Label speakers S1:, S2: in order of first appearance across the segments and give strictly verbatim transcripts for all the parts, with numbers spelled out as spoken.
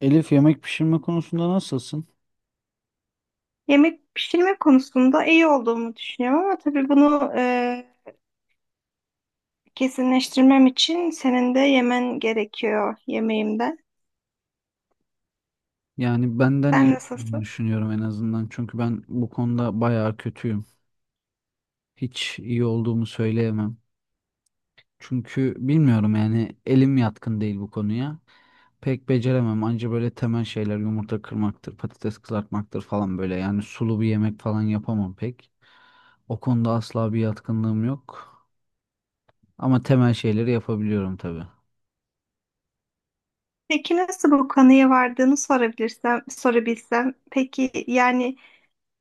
S1: Elif, yemek pişirme konusunda nasılsın?
S2: Yemek pişirme konusunda iyi olduğumu düşünüyorum ama tabii bunu e, kesinleştirmem için senin de yemen gerekiyor yemeğimde.
S1: Yani benden iyi
S2: Sen
S1: olduğunu
S2: nasılsın?
S1: düşünüyorum en azından. Çünkü ben bu konuda bayağı kötüyüm. Hiç iyi olduğumu söyleyemem. Çünkü bilmiyorum, yani elim yatkın değil bu konuya. Pek beceremem. Anca böyle temel şeyler: yumurta kırmaktır, patates kızartmaktır falan böyle. Yani sulu bir yemek falan yapamam pek. O konuda asla bir yatkınlığım yok. Ama temel şeyleri yapabiliyorum tabii.
S2: Peki nasıl bu kanıya vardığını sorabilirsem, sorabilsem. Peki yani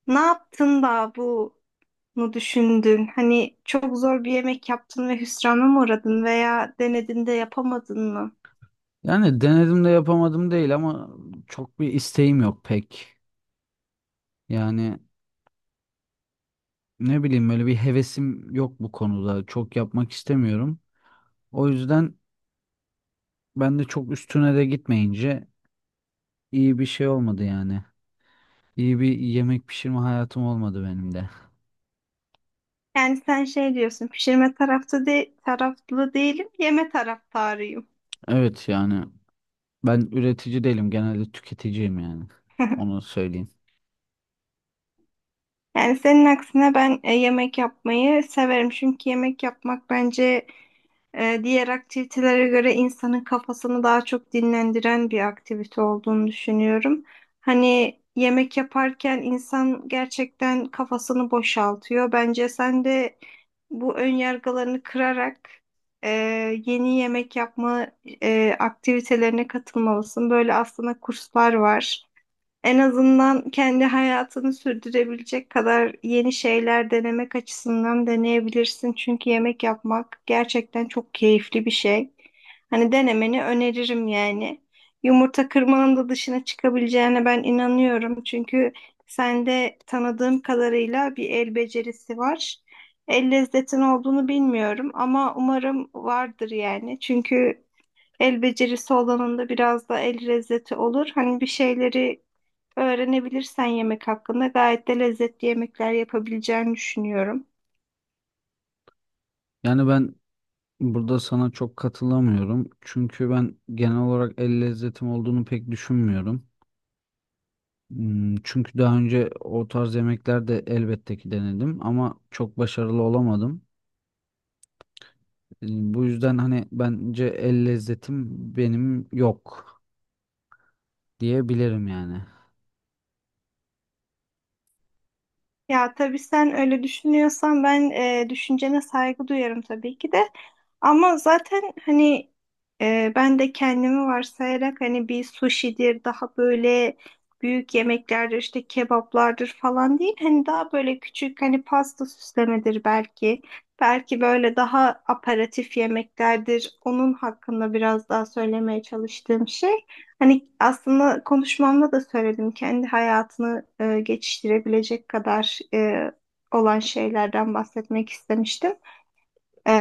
S2: ne yaptın da bunu düşündün? Hani çok zor bir yemek yaptın ve hüsrana mı uğradın veya denedin de yapamadın mı?
S1: Yani denedim de yapamadım değil ama çok bir isteğim yok pek. Yani, ne bileyim, böyle bir hevesim yok bu konuda. Çok yapmak istemiyorum. O yüzden ben de çok üstüne de gitmeyince iyi bir şey olmadı yani. İyi bir yemek pişirme hayatım olmadı benim de.
S2: Yani sen şey diyorsun, pişirme tarafta de taraflı değilim, yeme taraftarıyım.
S1: Evet yani, ben üretici değilim. Genelde tüketiciyim yani. Onu söyleyeyim.
S2: Yani senin aksine ben e, yemek yapmayı severim. Çünkü yemek yapmak bence e, diğer aktivitelere göre insanın kafasını daha çok dinlendiren bir aktivite olduğunu düşünüyorum. Hani yemek yaparken insan gerçekten kafasını boşaltıyor. Bence sen de bu ön yargılarını kırarak e, yeni yemek yapma e, aktivitelerine katılmalısın. Böyle aslında kurslar var. En azından kendi hayatını sürdürebilecek kadar yeni şeyler denemek açısından deneyebilirsin. Çünkü yemek yapmak gerçekten çok keyifli bir şey. Hani denemeni öneririm yani. Yumurta kırmanın da dışına çıkabileceğine ben inanıyorum. Çünkü sende tanıdığım kadarıyla bir el becerisi var. El lezzetin olduğunu bilmiyorum ama umarım vardır yani. Çünkü el becerisi olanın da biraz da el lezzeti olur. Hani bir şeyleri öğrenebilirsen yemek hakkında gayet de lezzetli yemekler yapabileceğini düşünüyorum.
S1: Yani ben burada sana çok katılamıyorum. Çünkü ben genel olarak el lezzetim olduğunu pek düşünmüyorum. Hmm. Çünkü daha önce o tarz yemekler de elbette ki denedim ama çok başarılı olamadım. E, Bu yüzden hani bence el lezzetim benim yok diyebilirim yani.
S2: Ya tabii sen öyle düşünüyorsan ben e, düşüncene saygı duyarım tabii ki de. Ama zaten hani e, ben de kendimi varsayarak hani bir sushi'dir daha böyle büyük yemeklerdir işte kebaplardır falan değil. Hani daha böyle küçük hani pasta süslemedir belki. Belki böyle daha aperatif yemeklerdir. Onun hakkında biraz daha söylemeye çalıştığım şey. Hani aslında konuşmamda da söyledim kendi hayatını e, geçiştirebilecek kadar e, olan şeylerden bahsetmek istemiştim. E,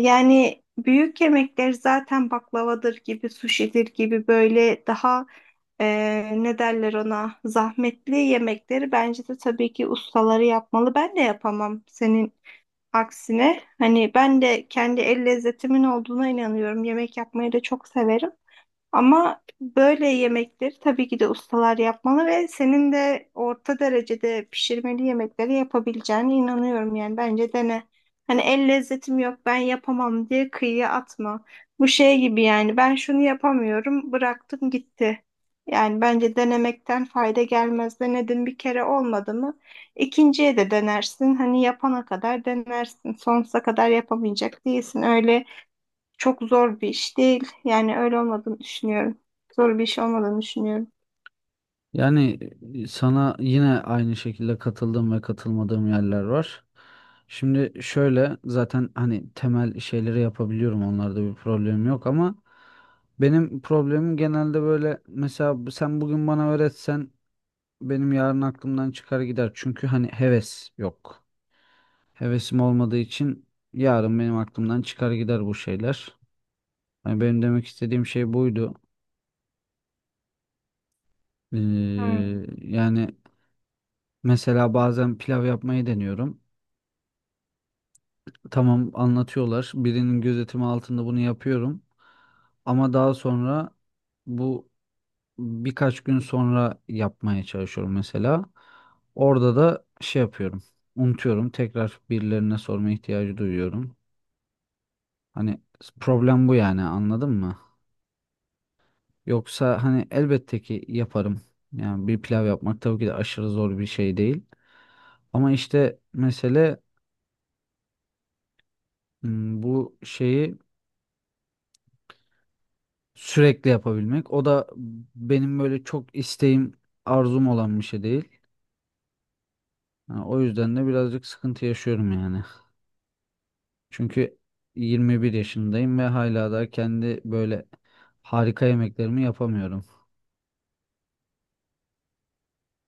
S2: yani büyük yemekler zaten baklavadır gibi, suşidir gibi böyle daha e, ne derler ona zahmetli yemekleri bence de tabii ki ustaları yapmalı. Ben de yapamam senin aksine. Hani ben de kendi el lezzetimin olduğuna inanıyorum. Yemek yapmayı da çok severim. Ama böyle yemekleri tabii ki de ustalar yapmalı ve senin de orta derecede pişirmeli yemekleri yapabileceğine inanıyorum yani bence dene. Hani el lezzetim yok ben yapamam diye kıyıya atma. Bu şey gibi yani ben şunu yapamıyorum bıraktım gitti. Yani bence denemekten fayda gelmez. Denedin bir kere olmadı mı? İkinciye de denersin. Hani yapana kadar denersin. Sonsuza kadar yapamayacak değilsin. Öyle çok zor bir iş değil. Yani öyle olmadığını düşünüyorum. Zor bir iş olmadığını düşünüyorum.
S1: Yani e, sana yine aynı şekilde katıldığım ve katılmadığım yerler var. Şimdi şöyle, zaten hani temel şeyleri yapabiliyorum, onlarda bir problem yok ama benim problemim genelde böyle: mesela sen bugün bana öğretsen benim yarın aklımdan çıkar gider. Çünkü hani heves yok. Hevesim olmadığı için yarın benim aklımdan çıkar gider bu şeyler. Yani benim demek istediğim şey buydu. Ee,
S2: Hmm.
S1: Yani mesela bazen pilav yapmayı deniyorum. Tamam, anlatıyorlar. Birinin gözetimi altında bunu yapıyorum. Ama daha sonra, bu, birkaç gün sonra yapmaya çalışıyorum mesela. Orada da şey yapıyorum. Unutuyorum. Tekrar birilerine sorma ihtiyacı duyuyorum. Hani problem bu, yani anladın mı? Yoksa hani elbette ki yaparım. Yani bir pilav yapmak tabii ki de aşırı zor bir şey değil. Ama işte mesele, m, bu şeyi sürekli yapabilmek. O da benim böyle çok isteğim, arzum olan bir şey değil. Ha, o yüzden de birazcık sıkıntı yaşıyorum yani. Çünkü yirmi bir yaşındayım ve hala da kendi böyle harika yemeklerimi yapamıyorum.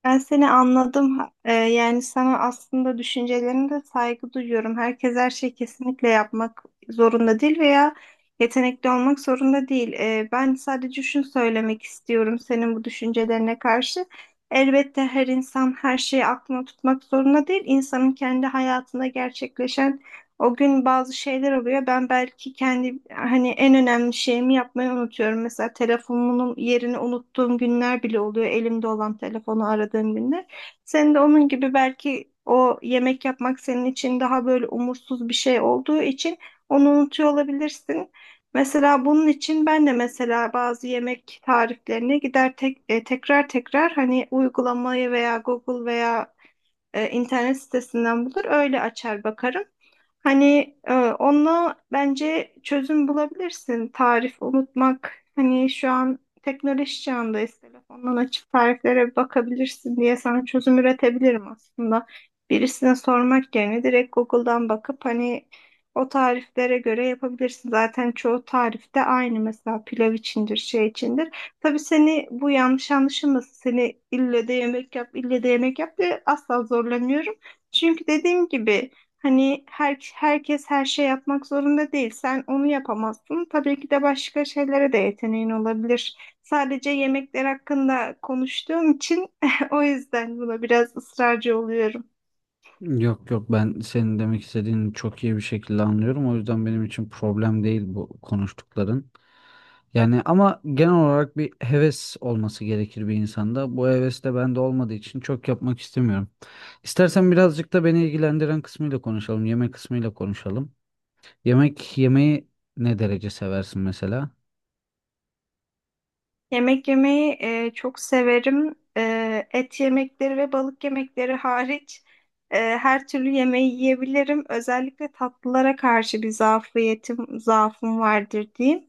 S2: Ben seni anladım. Ha- e, yani sana aslında düşüncelerine de saygı duyuyorum. Herkes her şeyi kesinlikle yapmak zorunda değil veya yetenekli olmak zorunda değil. E, ben sadece şunu söylemek istiyorum senin bu düşüncelerine karşı. Elbette her insan her şeyi aklına tutmak zorunda değil. İnsanın kendi hayatında gerçekleşen o gün bazı şeyler oluyor. Ben belki kendi hani en önemli şeyimi yapmayı unutuyorum. Mesela telefonumun yerini unuttuğum günler bile oluyor. Elimde olan telefonu aradığım günler. Sen de onun gibi belki o yemek yapmak senin için daha böyle umursuz bir şey olduğu için onu unutuyor olabilirsin. Mesela bunun için ben de mesela bazı yemek tariflerine gider tek, e, tekrar tekrar hani uygulamayı veya Google veya e, internet sitesinden bulur öyle açar bakarım. Hani e, onunla bence çözüm bulabilirsin. Tarif unutmak. Hani şu an teknoloji çağındayız. Telefondan açıp tariflere bir bakabilirsin diye sana çözüm üretebilirim aslında. Birisine sormak yerine direkt Google'dan bakıp hani o tariflere göre yapabilirsin. Zaten çoğu tarifte aynı mesela pilav içindir, şey içindir. Tabii seni bu yanlış anlaşılmasın. Seni ille de yemek yap, ille de yemek yap diye asla zorlamıyorum. Çünkü dediğim gibi hani her, herkes her şey yapmak zorunda değil. Sen onu yapamazsın. Tabii ki de başka şeylere de yeteneğin olabilir. Sadece yemekler hakkında konuştuğum için o yüzden buna biraz ısrarcı oluyorum.
S1: Yok yok, ben senin demek istediğini çok iyi bir şekilde anlıyorum. O yüzden benim için problem değil bu konuştukların. Yani ama genel olarak bir heves olması gerekir bir insanda. Bu heves de bende olmadığı için çok yapmak istemiyorum. İstersen birazcık da beni ilgilendiren kısmıyla konuşalım. Yemek kısmıyla konuşalım. Yemek yemeyi ne derece seversin mesela?
S2: Yemek yemeyi e, çok severim. E, et yemekleri ve balık yemekleri hariç e, her türlü yemeği yiyebilirim. Özellikle tatlılara karşı bir zafiyetim, zaafım vardır diyeyim.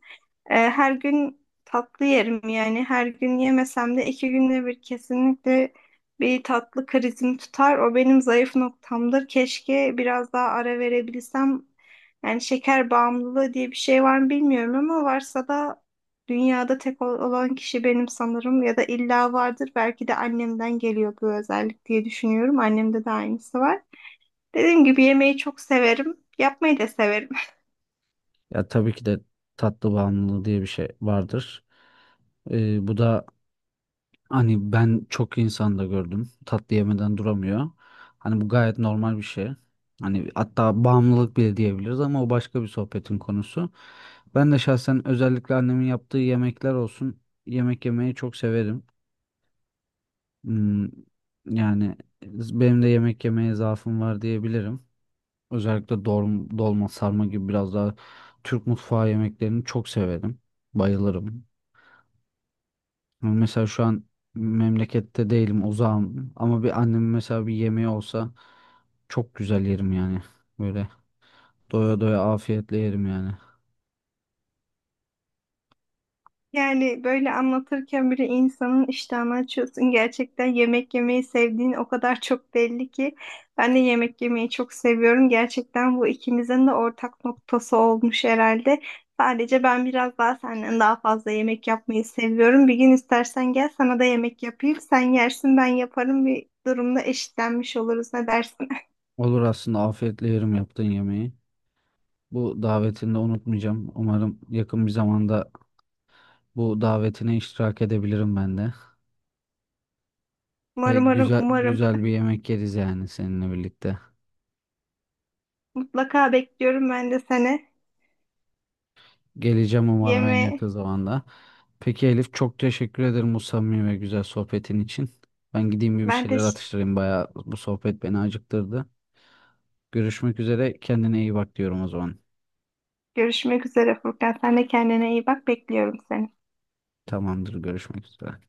S2: E, her gün tatlı yerim yani her gün yemesem de iki günde bir kesinlikle bir tatlı krizim tutar. O benim zayıf noktamdır. Keşke biraz daha ara verebilsem. Yani şeker bağımlılığı diye bir şey var mı bilmiyorum ama varsa da dünyada tek ol- olan kişi benim sanırım ya da illa vardır. Belki de annemden geliyor bu özellik diye düşünüyorum. Annemde de aynısı var. Dediğim gibi yemeği çok severim. Yapmayı da severim.
S1: Ya tabii ki de tatlı bağımlılığı diye bir şey vardır. Ee, bu da Hani ben çok insan da gördüm. Tatlı yemeden duramıyor. Hani bu gayet normal bir şey. Hani hatta bağımlılık bile diyebiliriz ama o başka bir sohbetin konusu. Ben de şahsen özellikle annemin yaptığı yemekler olsun, yemek yemeyi çok severim. Hmm, yani benim de yemek yemeye zaafım var diyebilirim. Özellikle dolma, dolma sarma gibi biraz daha Türk mutfağı yemeklerini çok severim. Bayılırım. Yani mesela şu an memlekette değilim, uzağım ama bir annem mesela bir yemeği olsa çok güzel yerim yani. Böyle doya doya afiyetle yerim yani.
S2: Yani böyle anlatırken bile insanın iştahını açıyorsun. Gerçekten yemek yemeyi sevdiğin o kadar çok belli ki. Ben de yemek yemeyi çok seviyorum. Gerçekten bu ikimizin de ortak noktası olmuş herhalde. Sadece ben biraz daha senden daha fazla yemek yapmayı seviyorum. Bir gün istersen gel sana da yemek yapayım. Sen yersin ben yaparım. Bir durumda eşitlenmiş oluruz. Ne dersin?
S1: Olur, aslında afiyetle yerim yaptığın yemeği. Bu davetini de unutmayacağım. Umarım yakın bir zamanda bu davetine iştirak edebilirim ben de. Ve
S2: Umarım, umarım,
S1: güzel
S2: umarım.
S1: güzel bir yemek yeriz yani seninle birlikte.
S2: Mutlaka bekliyorum ben de seni.
S1: Geleceğim umarım en yakın
S2: Yeme.
S1: zamanda. Peki Elif, çok teşekkür ederim bu samimi ve güzel sohbetin için. Ben gideyim bir bir
S2: Ben de.
S1: şeyler atıştırayım. Bayağı bu sohbet beni acıktırdı. Görüşmek üzere. Kendine iyi bak diyorum o zaman.
S2: Görüşmek üzere Furkan. Sen de kendine iyi bak. Bekliyorum seni.
S1: Tamamdır. Görüşmek üzere.